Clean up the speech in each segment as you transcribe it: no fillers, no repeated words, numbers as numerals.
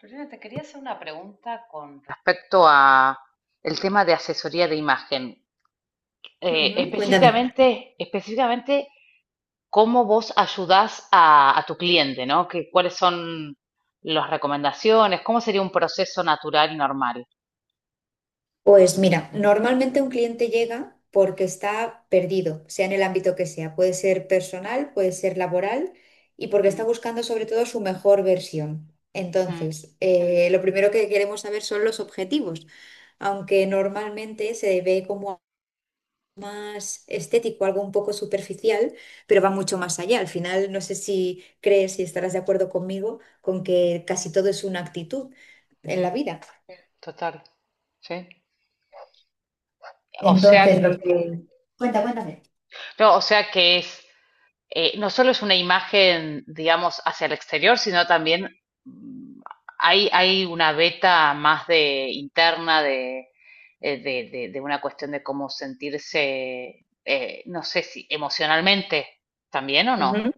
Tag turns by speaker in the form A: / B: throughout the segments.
A: Lorena, te quería hacer una pregunta con respecto a el tema de asesoría de imagen.
B: Ujú, cuéntame.
A: Específicamente, específicamente, cómo vos ayudás a tu cliente, ¿no? ¿Qué ¿Cuáles son las recomendaciones? ¿Cómo sería un proceso natural y normal?
B: Pues mira, normalmente un cliente llega porque está perdido, sea en el ámbito que sea. Puede ser personal, puede ser laboral y porque está
A: Mm,
B: buscando sobre todo su mejor versión.
A: mm,
B: Entonces, lo primero que queremos saber son los objetivos, aunque normalmente se ve como más estético, algo un poco superficial, pero va mucho más allá. Al final, no sé si crees y estarás de acuerdo conmigo con que casi todo es una actitud en
A: mm,
B: la vida.
A: total, sí. O sea,
B: Entonces, lo que cuéntame.
A: no, o sea que es no solo es una imagen, digamos, hacia el exterior, sino también mm, hay una beta más de interna de una cuestión de cómo sentirse, no sé si emocionalmente también o no.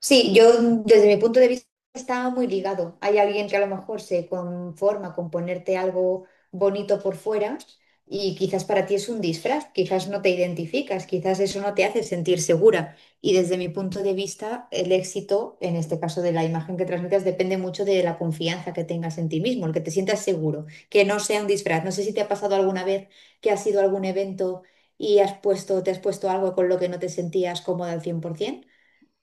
B: Sí, yo desde mi punto de vista está muy ligado. Hay alguien que a lo mejor se conforma con ponerte algo bonito por fuera y quizás para ti es un disfraz, quizás no te identificas, quizás eso no te hace sentir segura. Y desde mi punto de vista, el éxito, en este caso de la imagen que transmitas, depende mucho de la confianza que tengas en ti mismo, el que te sientas seguro, que no sea un disfraz. No sé si te ha pasado alguna vez que has ido a algún evento y has te has puesto algo con lo que no te sentías cómoda al 100%.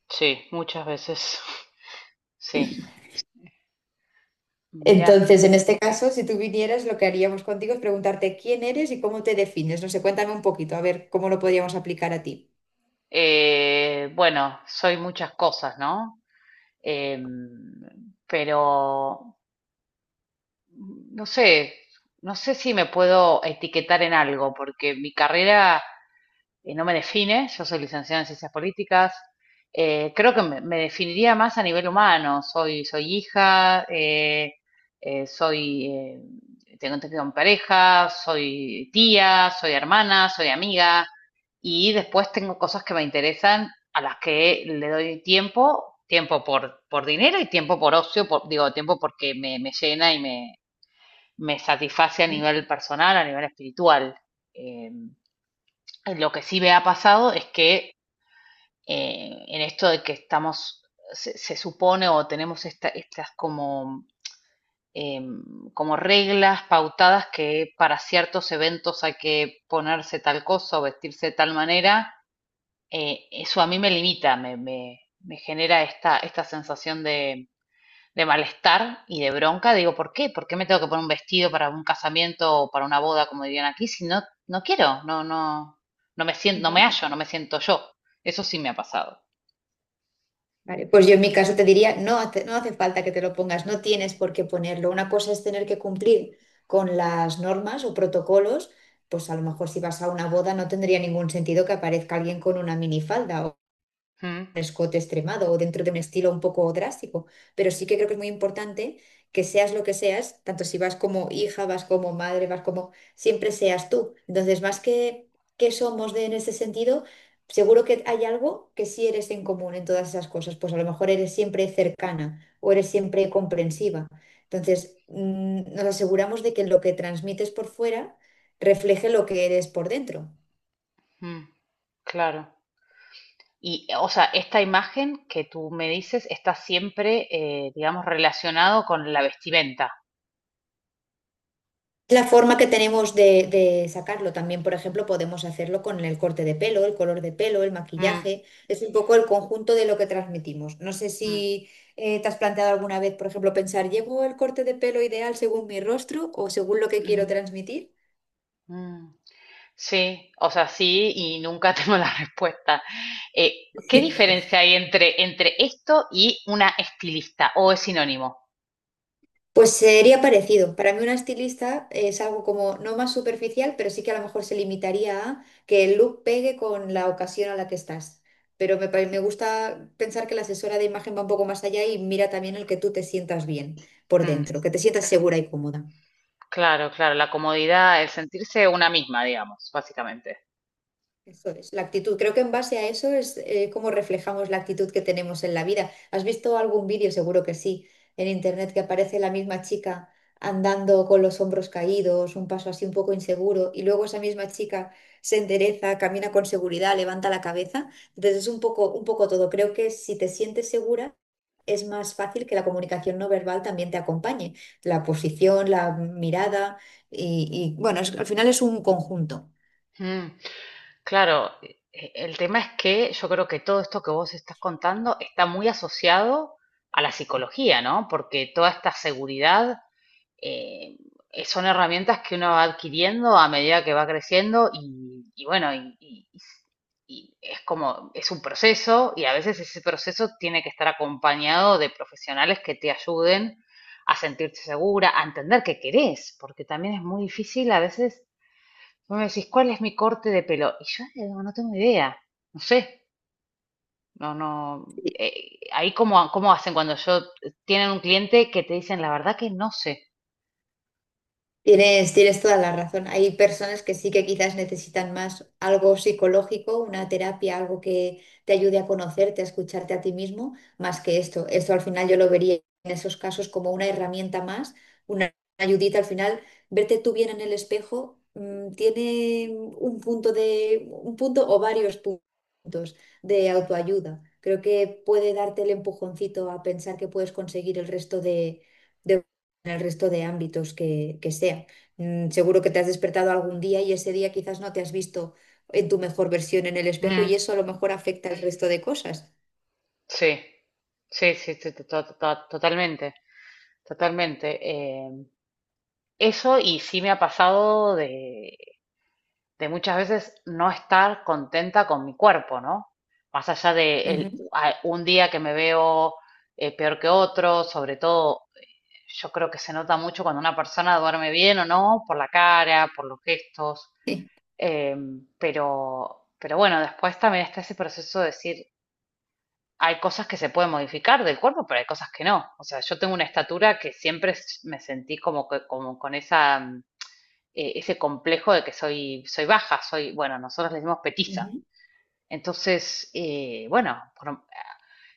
A: Sí, muchas veces. Sí, mira.
B: Entonces, en este caso, si tú vinieras, lo que haríamos contigo es preguntarte quién eres y cómo te defines. No sé, cuéntame un poquito, a ver cómo lo podríamos aplicar a ti.
A: Bueno, soy muchas cosas, ¿no? Pero no sé, no sé si me puedo etiquetar en algo, porque mi carrera no me define. Yo soy licenciada en ciencias políticas. Creo que me definiría más a nivel humano. Soy hija, eh, soy, eh, tengo en pareja, soy tía, soy hermana, soy amiga, y después tengo cosas que me interesan a las que le doy tiempo, tiempo por dinero y tiempo por ocio, digo, tiempo porque me llena y me satisface a
B: Ujú,
A: nivel personal, a nivel espiritual. Eh, lo que sí me ha pasado es que en esto de que estamos, se supone o tenemos estas eh, como reglas pautadas que para ciertos eventos hay que ponerse tal cosa o vestirse de tal manera. Eso a mí me limita, me genera esta sensación de malestar y de bronca. Digo, ¿por qué? ¿Por qué me tengo que poner un vestido para un casamiento o para una boda, como dirían aquí, si no, no quiero? No, no, no me siento, no
B: ujú.
A: me hallo, no me siento yo. Eso sí me ha pasado.
B: Vale, pues yo en mi caso te diría, no hace falta que te lo pongas, no tienes por qué ponerlo. Una cosa es tener que cumplir con las normas o protocolos, pues a lo mejor si vas a una boda no tendría ningún sentido que aparezca alguien con una minifalda
A: Mm,
B: escote extremado o dentro de un estilo un poco drástico, pero sí que creo que es muy importante que seas lo que seas, tanto si vas como hija, vas como madre, vas como, siempre seas tú. Entonces, que somos de, en ese sentido, seguro que hay algo que sí eres en común en todas esas cosas, pues a lo mejor eres siempre cercana o eres siempre comprensiva. Entonces, nos aseguramos de que lo que transmites por fuera refleje lo que eres por dentro.
A: mm, claro. Y, o sea, esta imagen que tú me dices está siempre, digamos, relacionado con la vestimenta.
B: La forma que tenemos de sacarlo también, por ejemplo, podemos hacerlo con el corte de pelo, el color de pelo, el
A: Mm,
B: maquillaje. Es un poco el conjunto de lo que transmitimos. No sé
A: mm,
B: si te has planteado alguna vez, por ejemplo, pensar, ¿llevo el corte de pelo ideal según mi rostro o según lo que quiero
A: mm,
B: transmitir?
A: mm. Sí, o sea, sí, y nunca tengo la respuesta. ¿Qué diferencia hay entre esto y una estilista? ¿O es sinónimo?
B: Pues sería parecido. Para mí una estilista es algo como no más superficial, pero sí que a lo mejor se limitaría a que el look pegue con la ocasión a la que estás. Me gusta pensar que la asesora de imagen va un poco más allá y mira también el que tú te sientas bien por
A: Mm,
B: dentro, que te sientas segura y cómoda.
A: claro, claro, la comodidad, el sentirse una misma, digamos, básicamente.
B: Eso es, la actitud. Creo que en base a eso es como reflejamos la actitud que tenemos en la vida. ¿Has visto algún vídeo? Seguro que sí, en internet que aparece la misma chica andando con los hombros caídos, un paso así un poco inseguro, y luego esa misma chica se endereza, camina con seguridad, levanta la cabeza. Entonces es un poco todo. Creo que si te sientes segura, es más fácil que la comunicación no verbal también te acompañe. La posición, la mirada, y bueno, es- al final es un conjunto.
A: Mm, claro, el tema es que yo creo que todo esto que vos estás contando está muy asociado a la psicología, ¿no? Porque toda esta seguridad eh, son herramientas que uno va adquiriendo a medida que va creciendo, y bueno, y es como, es un proceso, y a veces ese proceso tiene que estar acompañado de profesionales que te ayuden a sentirte segura, a entender qué querés, porque también es muy difícil a veces. Vos me decís, ¿cuál es mi corte de pelo? Y yo no tengo idea, no sé. No, no, ahí cómo hacen cuando yo tienen un cliente que te dicen la verdad que no sé.
B: Tienes toda la razón. Hay personas que sí que quizás necesitan más algo psicológico, una terapia, algo que te ayude a conocerte, a escucharte a ti mismo, más que esto. Esto al final yo lo vería en esos casos como una herramienta más, una ayudita. Al final, verte tú bien en el espejo, tiene un un punto o varios puntos de autoayuda. Creo que puede darte el empujoncito a pensar que puedes conseguir el resto de en el resto de ámbitos que sea. Seguro que te has despertado algún día y ese día quizás no te has visto en tu mejor versión en el espejo
A: Mm.
B: y eso a lo mejor afecta el resto de cosas.
A: Sí, sí, sí, sí, totalmente, totalmente. Eso y sí me ha pasado de muchas veces no estar contenta con mi cuerpo, ¿no? Más allá de
B: Ujú.
A: un día que me veo peor que otro, sobre todo yo creo que se nota mucho cuando una persona duerme bien o no, por la cara, por los gestos. eh, pero, bueno, después también está ese proceso de decir, hay cosas que se pueden modificar del cuerpo, pero hay cosas que no. O sea, yo tengo una estatura que siempre me sentí como que, como con ese complejo de que soy baja, bueno, nosotros le decimos petiza.
B: Ujú.
A: Entonces, bueno,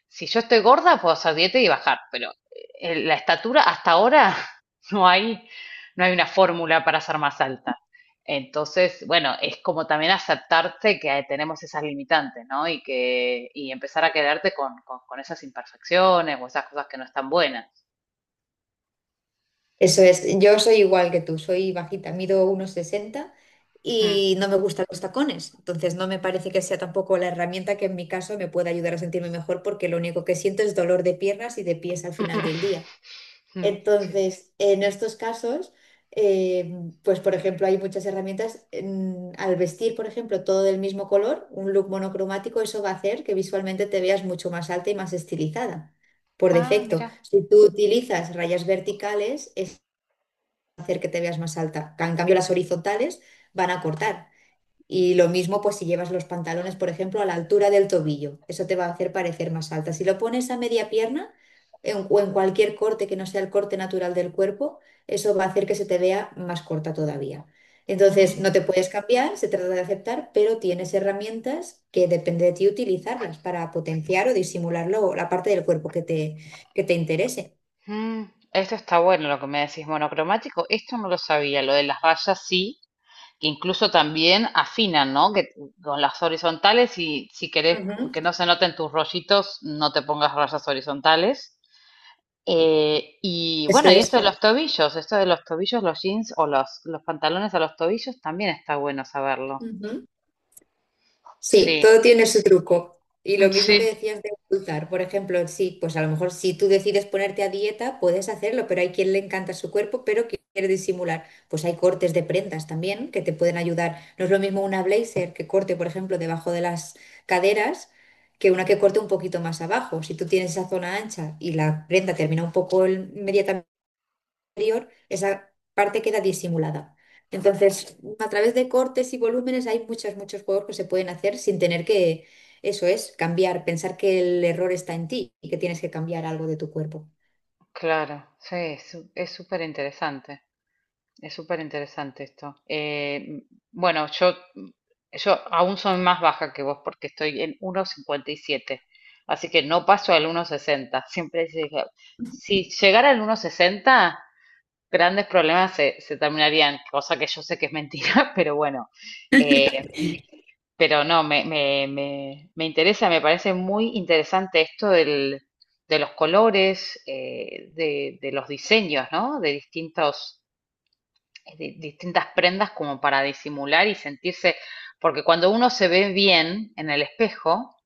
A: si yo estoy gorda, puedo hacer dieta y bajar, pero la estatura hasta ahora no hay, no hay una fórmula para ser más alta. Entonces, bueno, es como también aceptarte que tenemos esas limitantes, ¿no? Y empezar a quedarte con esas imperfecciones o esas cosas que no están buenas.
B: Eso es, yo soy igual que tú, soy bajita, mido 1,60
A: Mm,
B: y no me gustan los tacones, entonces no me parece que sea tampoco la herramienta que en mi caso me pueda ayudar a sentirme mejor porque lo único que siento es dolor de piernas y de pies al final
A: mm,
B: del día.
A: mm, mm, sí.
B: Entonces, en estos casos, eh, pues por ejemplo, hay muchas herramientas. En- al vestir, por ejemplo, todo del mismo color, un look monocromático, eso va a hacer que visualmente te veas mucho más alta y más estilizada, por
A: Ah,
B: defecto.
A: mira.
B: Si tú utilizas rayas verticales, es hacer que te veas más alta. En cambio, las horizontales van a cortar. Y lo mismo, pues si llevas los pantalones, por ejemplo, a la altura del tobillo, eso te va a hacer parecer más alta. Si lo pones a media pierna o en cualquier corte que no sea el corte natural del cuerpo, eso va a hacer que se te vea más corta todavía. Entonces,
A: Mm,
B: no te puedes cambiar, se trata de aceptar, pero tienes herramientas que depende de ti utilizarlas para potenciar o disimular luego la parte del cuerpo que te interese.
A: mm. Esto está bueno lo que me decís, monocromático. Esto no lo sabía, lo de las rayas sí, que incluso también afinan, ¿no? Que con las horizontales, y si querés
B: Ujú,
A: que no se noten tus rollitos, no te pongas rayas horizontales. Y
B: eso
A: bueno, y esto
B: es.
A: de los tobillos, esto de los tobillos, los jeans o los pantalones a los tobillos, también está bueno saberlo.
B: Sí,
A: Sí,
B: todo tiene su truco. Y lo mismo que
A: sí,
B: decías de ocultar, por ejemplo, sí, pues a lo mejor si tú decides ponerte a dieta, puedes hacerlo, pero hay quien le encanta su cuerpo, pero que quiere disimular. Pues hay cortes de prendas también que te pueden ayudar. No es lo mismo una blazer que corte, por ejemplo, debajo de las caderas, que una que corte un poquito más abajo. Si tú tienes esa zona ancha y la prenda termina un poco inmediatamente superior, esa parte queda disimulada. Entonces, a través de cortes y volúmenes hay muchos, muchos juegos que se pueden hacer sin tener que, eso es, cambiar, pensar que el error está en ti y que tienes que cambiar algo de tu cuerpo.
A: claro, sí, es súper interesante. Es súper interesante esto. Bueno, yo aún soy más baja que vos porque estoy en 1,57. Así que no paso al 1,60. Siempre dije, si llegara al 1,60, grandes problemas se terminarían, cosa que yo sé que es mentira, pero bueno. Eh, pero no, me interesa, me parece muy interesante esto de los colores, de los diseños, ¿no? De distintas prendas, como para disimular y sentirse, porque cuando uno se ve bien en el espejo,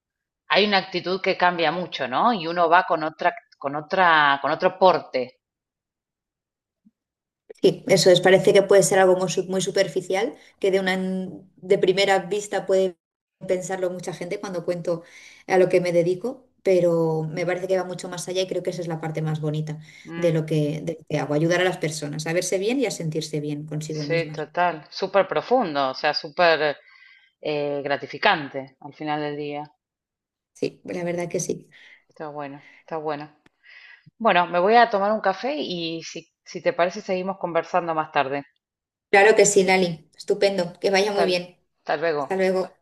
A: hay una actitud que cambia mucho, ¿no? Y uno va con otro porte.
B: Sí, eso es. Parece que puede ser algo muy superficial, que de una de primera vista puede pensarlo mucha gente cuando cuento a lo que me dedico, pero me parece que va mucho más allá y creo que esa es la parte más bonita
A: Mm,
B: de lo que hago, ayudar a las personas a verse bien y a sentirse bien consigo
A: sí,
B: mismas.
A: total, súper profundo, o sea, súper gratificante al final del día.
B: Sí, la verdad que sí.
A: Está bueno, está bueno. Bueno, me voy a tomar un café y si te parece seguimos conversando más tarde.
B: Claro que sí, Lali. Estupendo. Que vaya muy
A: Tal,
B: bien.
A: tal luego.
B: Hasta luego.